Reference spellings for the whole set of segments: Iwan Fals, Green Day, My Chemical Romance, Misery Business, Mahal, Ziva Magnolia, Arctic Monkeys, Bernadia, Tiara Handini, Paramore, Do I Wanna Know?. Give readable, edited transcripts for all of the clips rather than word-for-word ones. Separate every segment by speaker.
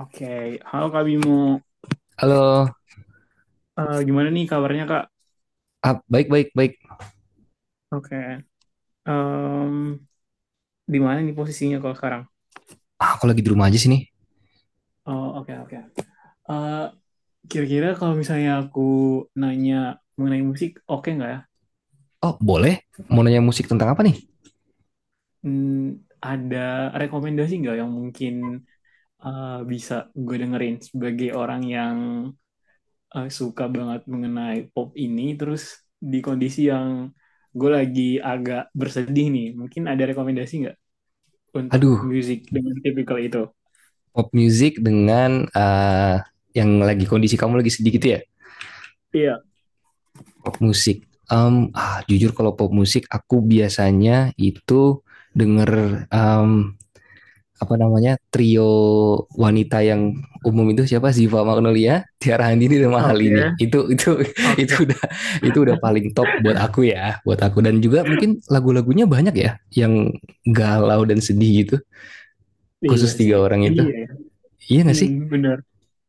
Speaker 1: Oke. Halo Kak Bimo.
Speaker 2: Halo.
Speaker 1: Gimana nih kabarnya, Kak?
Speaker 2: Baik, baik, baik.
Speaker 1: Oke. Em, di mana nih posisinya kalau sekarang?
Speaker 2: Ah, aku lagi di rumah aja sini.
Speaker 1: Oh, oke, oke. Eh, Kira-kira kalau misalnya aku nanya mengenai musik, oke nggak ya?
Speaker 2: Oh, boleh? Mau nanya musik tentang apa nih?
Speaker 1: Hmm, ada rekomendasi nggak yang mungkin bisa gue dengerin sebagai orang yang suka banget mengenai pop ini, terus di kondisi yang gue lagi agak bersedih nih, mungkin ada rekomendasi nggak untuk
Speaker 2: Aduh,
Speaker 1: musik dengan tipikal itu?
Speaker 2: pop music dengan yang lagi kondisi kamu lagi sedih gitu ya?
Speaker 1: Iya,
Speaker 2: Pop musik. Jujur kalau pop musik, aku biasanya itu denger apa namanya trio wanita yang umum itu siapa Ziva Magnolia, Tiara Handini dan Mahal ini.
Speaker 1: oke,
Speaker 2: Itu itu
Speaker 1: oke.
Speaker 2: udah itu udah paling top buat aku ya, buat aku, dan juga mungkin lagu-lagunya banyak ya yang galau dan sedih gitu.
Speaker 1: Iya
Speaker 2: Khusus tiga
Speaker 1: sih,
Speaker 2: orang itu.
Speaker 1: iya, ya.
Speaker 2: Iya gak
Speaker 1: Hmm,
Speaker 2: sih?
Speaker 1: bener.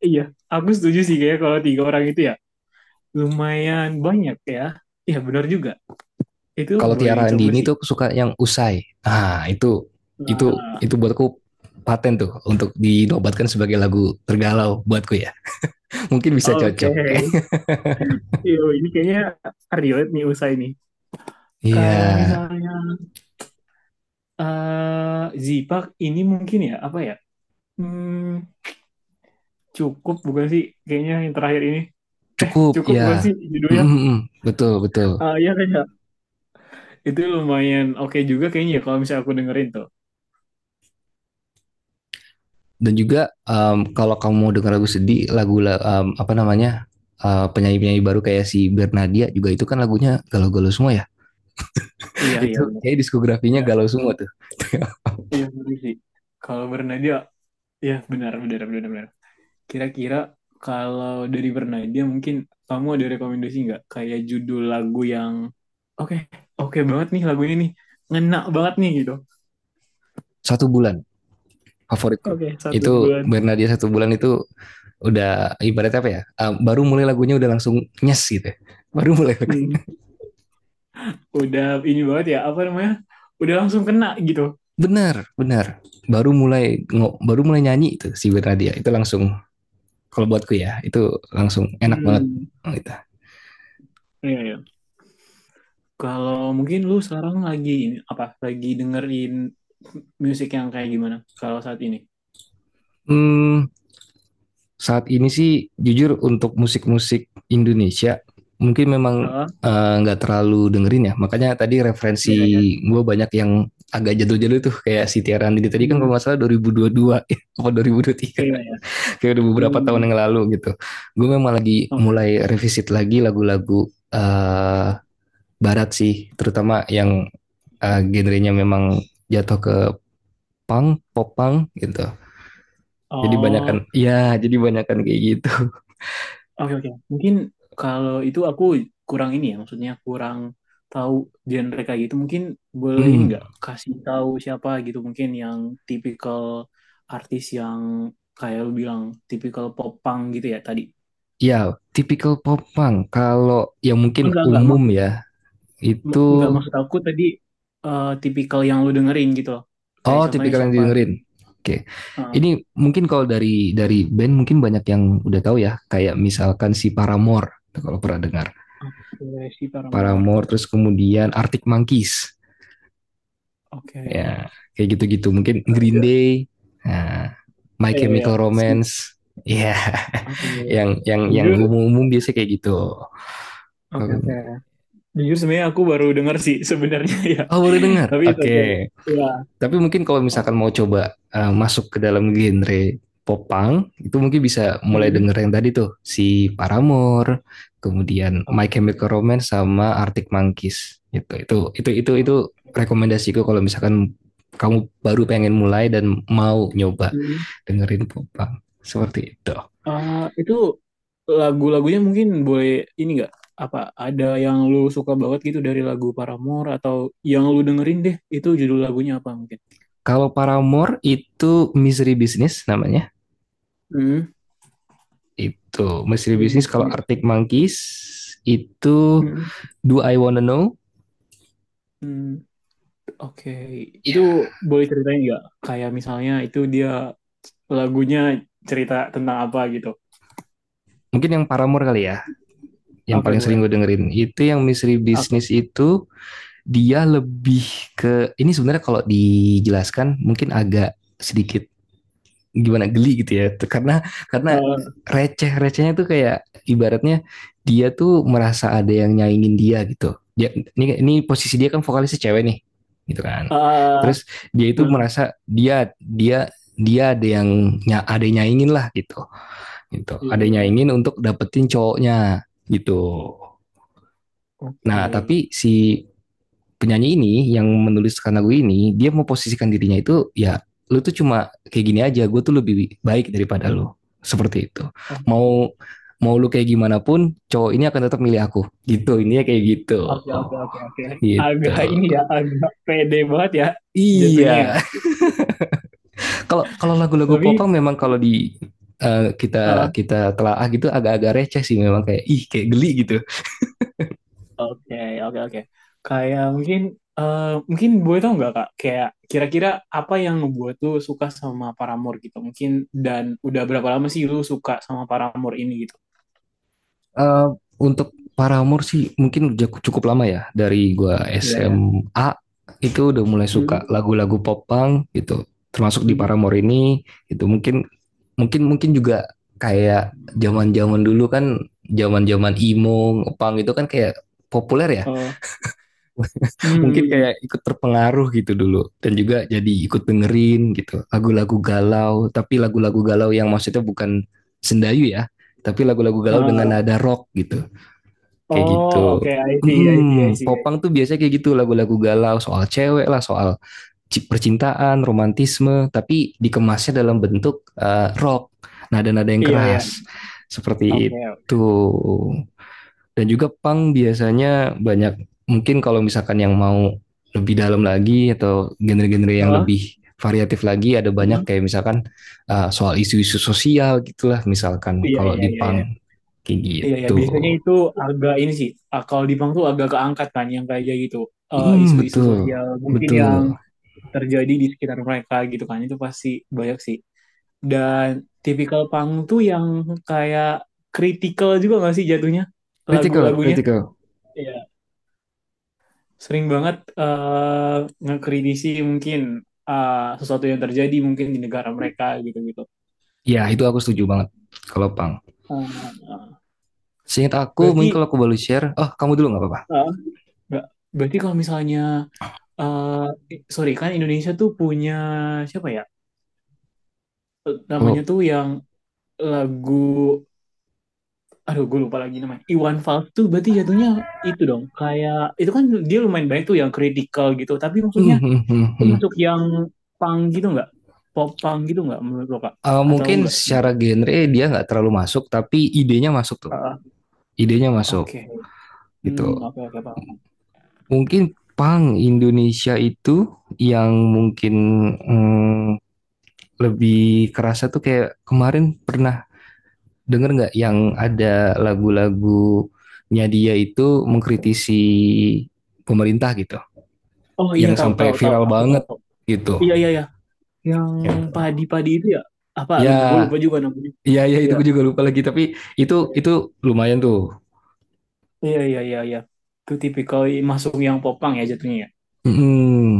Speaker 1: Iya, aku setuju sih kayak kalau tiga orang itu ya lumayan banyak ya. Iya bener juga, itu
Speaker 2: Kalau
Speaker 1: boleh
Speaker 2: Tiara
Speaker 1: dicoba
Speaker 2: Handini
Speaker 1: sih.
Speaker 2: tuh aku suka yang usai. Ah, itu itu
Speaker 1: Nah,
Speaker 2: itu buatku paten tuh untuk dinobatkan sebagai lagu tergalau buatku ya. Mungkin bisa
Speaker 1: oke.
Speaker 2: cocok.
Speaker 1: Yo, ini kayaknya relate nih usai nih.
Speaker 2: Iya,
Speaker 1: Kalau
Speaker 2: yeah.
Speaker 1: misalnya Zipak ini mungkin ya apa ya? Hmm, Cukup bukan sih? Kayaknya yang terakhir ini
Speaker 2: Cukup,
Speaker 1: cukup
Speaker 2: ya.
Speaker 1: bukan sih
Speaker 2: Mm,
Speaker 1: judulnya?
Speaker 2: mm, mm. Betul, betul.
Speaker 1: Ah, iya kayaknya. Itu lumayan oke juga kayaknya ya kalau misalnya aku dengerin tuh.
Speaker 2: Dan juga kalau kamu mau dengar lagu sedih, apa namanya? Penyanyi-penyanyi baru kayak si Bernadia juga, itu kan lagunya galau-galau semua ya.
Speaker 1: Iya, iya.
Speaker 2: Itu kayak diskografinya
Speaker 1: Iya,
Speaker 2: galau semua tuh.
Speaker 1: iya benar sih. Kalau Bernadia, ya benar, benar, benar, benar. Kira-kira kalau dari Bernadia mungkin kamu ada rekomendasi nggak? Kayak judul lagu yang oke, oke banget nih lagu ini nih, ngena banget nih gitu.
Speaker 2: Satu bulan favoritku.
Speaker 1: Oke, satu
Speaker 2: Itu
Speaker 1: bulan.
Speaker 2: Bernadia satu bulan itu udah ibarat apa ya? Baru mulai lagunya udah langsung nyes gitu, ya. Baru mulai.
Speaker 1: Hmm, udah ini banget ya, apa namanya? Udah langsung kena gitu.
Speaker 2: Benar, benar. Baru mulai nyanyi itu si Bernadia. Itu langsung, kalau buatku ya, itu langsung enak banget.
Speaker 1: Hmm, iya, iya. Kalau mungkin lu sekarang lagi ini apa? Lagi dengerin musik yang kayak gimana? Kalau saat ini?
Speaker 2: Hmm, Saat ini sih jujur untuk musik-musik Indonesia mungkin memang
Speaker 1: Oh,
Speaker 2: nggak terlalu dengerin ya. Makanya tadi referensi
Speaker 1: iya, iya.
Speaker 2: gue banyak yang agak jadul-jadul tuh, kayak si Tiara Andini tadi kan kalau
Speaker 1: Hmm,
Speaker 2: nggak salah 2022 atau
Speaker 1: iya,
Speaker 2: 2023
Speaker 1: iya.
Speaker 2: kayak udah beberapa tahun
Speaker 1: Hmm,
Speaker 2: yang lalu gitu. Gue memang lagi
Speaker 1: oke.
Speaker 2: mulai revisit lagi lagu-lagu eh, barat sih, terutama yang genrenya memang jatuh ke punk, pop punk gitu. Jadi banyakan,
Speaker 1: Oh,
Speaker 2: ya jadi banyakan kayak gitu.
Speaker 1: oke, oke. Mungkin kalau itu aku kurang ini ya, maksudnya kurang tahu genre kayak gitu. Mungkin boleh ini
Speaker 2: Hmm,
Speaker 1: nggak kasih tahu siapa gitu mungkin yang tipikal artis yang kayak lu bilang tipikal pop punk gitu ya tadi.
Speaker 2: ya, tipikal pop punk. Kalau yang mungkin
Speaker 1: Enggak,
Speaker 2: umum
Speaker 1: maksud
Speaker 2: ya, itu,
Speaker 1: enggak maksud aku tadi, tipikal yang lu dengerin gitu loh. Kayak
Speaker 2: oh,
Speaker 1: contohnya
Speaker 2: tipikal yang
Speaker 1: siapa
Speaker 2: didengerin.
Speaker 1: gitu.
Speaker 2: Oke.
Speaker 1: Ah,
Speaker 2: Ini mungkin kalau dari band mungkin banyak yang udah tahu ya, kayak misalkan si Paramore, kalau pernah dengar.
Speaker 1: oke, si Paramore.
Speaker 2: Paramore, terus kemudian Arctic Monkeys.
Speaker 1: Oke.
Speaker 2: Ya, kayak gitu-gitu. Mungkin Green Day, nah, My
Speaker 1: Iya, iya.
Speaker 2: Chemical
Speaker 1: Si-
Speaker 2: Romance. Ya,
Speaker 1: Oke.
Speaker 2: yang
Speaker 1: Jujur
Speaker 2: umum-umum biasanya kayak gitu.
Speaker 1: Oke, oke. Jujur sebenarnya aku baru dengar sih sebenarnya ya.
Speaker 2: Oh, baru dengar.
Speaker 1: Tapi itu oke.
Speaker 2: Oke.
Speaker 1: Ya.
Speaker 2: Tapi mungkin kalau misalkan
Speaker 1: Oh.
Speaker 2: mau coba masuk ke dalam genre pop punk, itu mungkin bisa mulai
Speaker 1: Mhm.
Speaker 2: denger yang tadi tuh, si Paramore, kemudian My Chemical
Speaker 1: Oke.
Speaker 2: Romance sama Arctic Monkeys. Gitu. Itu
Speaker 1: Oke.
Speaker 2: rekomendasiku kalau misalkan kamu baru pengen mulai dan mau nyoba
Speaker 1: Mhm.
Speaker 2: dengerin pop punk. Seperti itu.
Speaker 1: Ah, itu lagu-lagunya mungkin boleh ini nggak? Apa ada yang lu suka banget gitu dari lagu Paramore atau yang lu dengerin deh itu judul lagunya apa mungkin?
Speaker 2: Kalau Paramore itu Misery Business namanya.
Speaker 1: Hmm.
Speaker 2: Itu Misery
Speaker 1: History
Speaker 2: Business. Kalau
Speaker 1: Business.
Speaker 2: Arctic Monkeys itu
Speaker 1: Mhm.
Speaker 2: Do I Wanna Know?
Speaker 1: Hmm. Oke. Itu
Speaker 2: Ya.
Speaker 1: boleh ceritain nggak? Kayak misalnya itu dia lagunya cerita tentang apa gitu?
Speaker 2: Mungkin yang Paramore kali ya, yang
Speaker 1: Oke
Speaker 2: paling sering
Speaker 1: boleh.
Speaker 2: gue dengerin. Itu yang Misteri
Speaker 1: Oke.
Speaker 2: Bisnis itu dia lebih ke ini, sebenarnya kalau dijelaskan mungkin agak sedikit gimana, geli gitu ya, karena
Speaker 1: Eh,
Speaker 2: receh recehnya tuh kayak ibaratnya dia tuh merasa ada yang nyaingin dia gitu. Dia ini posisi dia kan vokalisnya cewek nih gitu kan,
Speaker 1: ah
Speaker 2: terus dia
Speaker 1: eh,
Speaker 2: itu merasa dia dia dia ada yang nya ada yang nyaingin lah gitu, gitu
Speaker 1: iya,
Speaker 2: ada yang
Speaker 1: iya.
Speaker 2: nyaingin untuk dapetin cowoknya gitu. Nah,
Speaker 1: Oke.
Speaker 2: tapi si penyanyi ini yang menuliskan lagu ini dia mau posisikan dirinya itu ya, lu tuh cuma kayak gini aja, gue tuh lebih baik daripada lu, seperti itu. mau
Speaker 1: Oke,
Speaker 2: mau lu kayak gimana pun cowok ini akan tetap milih aku gitu, ini kayak gitu,
Speaker 1: oke, oke,
Speaker 2: oh,
Speaker 1: oke, oke.
Speaker 2: gitu.
Speaker 1: Agak ini ya, agak pede banget ya jatuhnya
Speaker 2: Iya.
Speaker 1: ya.
Speaker 2: Kalau kalau lagu-lagu
Speaker 1: Tapi,
Speaker 2: popang memang kalau di kita
Speaker 1: eh,
Speaker 2: kita telaah gitu agak-agak receh sih memang, kayak ih, kayak geli gitu.
Speaker 1: oke, oke, oke. Kayak mungkin, eh, mungkin boleh tau nggak, Kak? Kayak kira-kira apa yang ngebuat tuh suka sama Paramore gitu? Mungkin dan udah berapa lama sih lu suka sama Paramore ini gitu?
Speaker 2: Eh, untuk Paramore sih mungkin udah cukup lama ya, dari gua
Speaker 1: Iya, ya.
Speaker 2: SMA itu udah mulai suka
Speaker 1: Hmm,
Speaker 2: lagu-lagu pop punk gitu, termasuk di
Speaker 1: hmm,
Speaker 2: Paramore ini. Itu mungkin, mungkin juga kayak zaman-zaman dulu kan, zaman-zaman emo punk itu kan kayak populer ya.
Speaker 1: oh,
Speaker 2: Mungkin
Speaker 1: hmm,
Speaker 2: kayak ikut terpengaruh gitu dulu, dan juga jadi ikut dengerin gitu lagu-lagu galau, tapi lagu-lagu galau yang maksudnya bukan sendayu ya, tapi lagu-lagu galau dengan
Speaker 1: ah.
Speaker 2: nada rock gitu, kayak
Speaker 1: Oh, oke,
Speaker 2: gitu.
Speaker 1: I see, I see, I
Speaker 2: Mm-mm,
Speaker 1: see, I
Speaker 2: popang
Speaker 1: see.
Speaker 2: tuh biasanya kayak gitu, lagu-lagu galau soal cewek lah, soal percintaan, romantisme, tapi dikemasnya dalam bentuk rock, nada-nada yang
Speaker 1: Iya, ya.
Speaker 2: keras. Seperti
Speaker 1: Oke.
Speaker 2: itu. Dan juga punk biasanya banyak, mungkin kalau misalkan yang mau lebih dalam lagi atau genre-genre yang
Speaker 1: Heeh,
Speaker 2: lebih variatif lagi ada banyak,
Speaker 1: heeh.
Speaker 2: kayak misalkan soal isu-isu sosial gitulah, misalkan
Speaker 1: Iya,
Speaker 2: kalau
Speaker 1: iya,
Speaker 2: di
Speaker 1: iya, iya.
Speaker 2: punk kayak
Speaker 1: Iya, iya.
Speaker 2: gitu.
Speaker 1: Biasanya itu agak ini sih. Ah, kalau di Bank tuh agak keangkat kan yang kayak gitu.
Speaker 2: Mm,
Speaker 1: Isu-isu
Speaker 2: betul,
Speaker 1: sosial mungkin
Speaker 2: betul.
Speaker 1: yang terjadi di sekitar mereka gitu kan. Itu pasti banyak sih. Dan tipikal pang tuh yang kayak kritikal juga gak sih jatuhnya
Speaker 2: Critical,
Speaker 1: lagu-lagunya?
Speaker 2: critical.
Speaker 1: Iya. Sering banget ngekritisi mungkin eh, sesuatu yang terjadi mungkin di negara mereka gitu-gitu.
Speaker 2: Ya, itu aku setuju banget kalau Pang.
Speaker 1: Eh,
Speaker 2: Seingat aku, mungkin
Speaker 1: berarti
Speaker 2: kalau aku boleh share, oh kamu dulu nggak apa-apa.
Speaker 1: eh, nggak- berarti kalau misalnya eh sorry, kan Indonesia tuh punya siapa ya? Namanya
Speaker 2: Kalau
Speaker 1: tuh yang lagu, aduh gue lupa lagi namanya. Iwan Fals tuh berarti jatuhnya itu dong. Kayak itu kan dia lumayan banyak tuh yang kritikal gitu. Tapi
Speaker 2: Hmm,
Speaker 1: maksudnya
Speaker 2: hmm, hmm,
Speaker 1: itu
Speaker 2: hmm.
Speaker 1: masuk yang punk gitu nggak? Pop punk gitu nggak menurut lo, Kak?
Speaker 2: Eh,
Speaker 1: Atau
Speaker 2: mungkin
Speaker 1: enggak
Speaker 2: secara
Speaker 1: sebenarnya?
Speaker 2: genre dia nggak terlalu masuk, tapi idenya masuk tuh,
Speaker 1: Ah,
Speaker 2: idenya masuk
Speaker 1: oke. Hmm,
Speaker 2: gitu.
Speaker 1: oke, oke paham.
Speaker 2: Mungkin Pang Indonesia itu, yang mungkin mm, lebih kerasa tuh kayak kemarin pernah. Dengar nggak yang ada lagu-lagunya dia itu mengkritisi pemerintah gitu,
Speaker 1: Oh, iya,
Speaker 2: yang
Speaker 1: tahu,
Speaker 2: sampai
Speaker 1: tahu, tahu.
Speaker 2: viral
Speaker 1: Aku tahu.
Speaker 2: banget gitu.
Speaker 1: Iya, iya, iya. Yang
Speaker 2: Gitu.
Speaker 1: padi-padi itu ya? Apa?
Speaker 2: Ya,
Speaker 1: Gue lupa juga namanya.
Speaker 2: ya, ya, itu gue juga lupa lagi, tapi
Speaker 1: Iya.
Speaker 2: itu lumayan tuh.
Speaker 1: Iya, iya, iya, iya. Itu tipikal masuk yang popang ya jatuhnya ya.
Speaker 2: Mm-mm.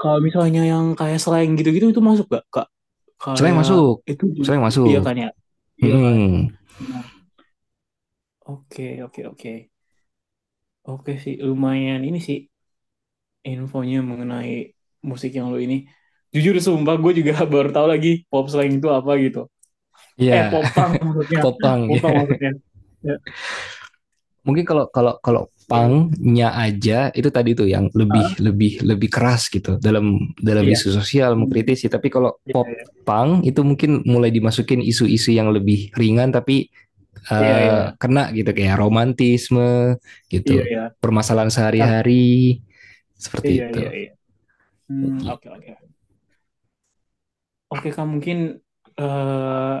Speaker 1: Kalau misalnya yang kayak slang gitu-gitu itu masuk gak, Kak?
Speaker 2: Selain
Speaker 1: Kayak
Speaker 2: masuk,
Speaker 1: itu juga,
Speaker 2: selain
Speaker 1: iya
Speaker 2: masuk.
Speaker 1: kan ya? Iya kan?
Speaker 2: Mm-mm.
Speaker 1: Nah, oke, oke, oke. Oke sih, lumayan ini sih infonya mengenai musik yang lu ini. Jujur sumpah, gue juga baru tahu lagi pop slang itu apa gitu. Eh,
Speaker 2: Ya,
Speaker 1: popang maksudnya.
Speaker 2: popang
Speaker 1: Popang
Speaker 2: ya.
Speaker 1: maksudnya. Ya,
Speaker 2: Mungkin kalau kalau kalau
Speaker 1: oke.
Speaker 2: pangnya aja itu tadi tuh yang
Speaker 1: Ah,
Speaker 2: lebih lebih lebih keras gitu dalam dalam
Speaker 1: iya.
Speaker 2: isu sosial
Speaker 1: Hmm.
Speaker 2: mengkritisi, tapi kalau
Speaker 1: Iya,
Speaker 2: pop
Speaker 1: iya.
Speaker 2: pang itu mungkin mulai dimasukin isu-isu yang lebih ringan tapi
Speaker 1: Iya, iya, iya.
Speaker 2: kena gitu, kayak romantisme
Speaker 1: Iya,
Speaker 2: gitu,
Speaker 1: iya.
Speaker 2: permasalahan
Speaker 1: Tapi,
Speaker 2: sehari-hari, seperti
Speaker 1: iya,
Speaker 2: itu.
Speaker 1: iya, iya. Hmm, oke,
Speaker 2: Gitu.
Speaker 1: oke. Oke Kak, mungkin eh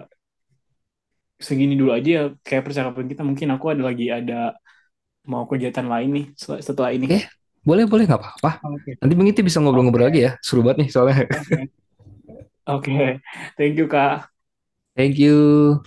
Speaker 1: segini dulu aja ya kayak percakapan kita. Mungkin aku ada lagi, ada mau kegiatan lain nih setelah setelah ini.
Speaker 2: Oke, boleh, boleh, nggak apa-apa.
Speaker 1: Oke.
Speaker 2: Nanti mungkin kita bisa
Speaker 1: Oke,
Speaker 2: ngobrol-ngobrol lagi ya, seru banget nih soalnya.
Speaker 1: oke, oke. Thank you Kak.
Speaker 2: Thank you.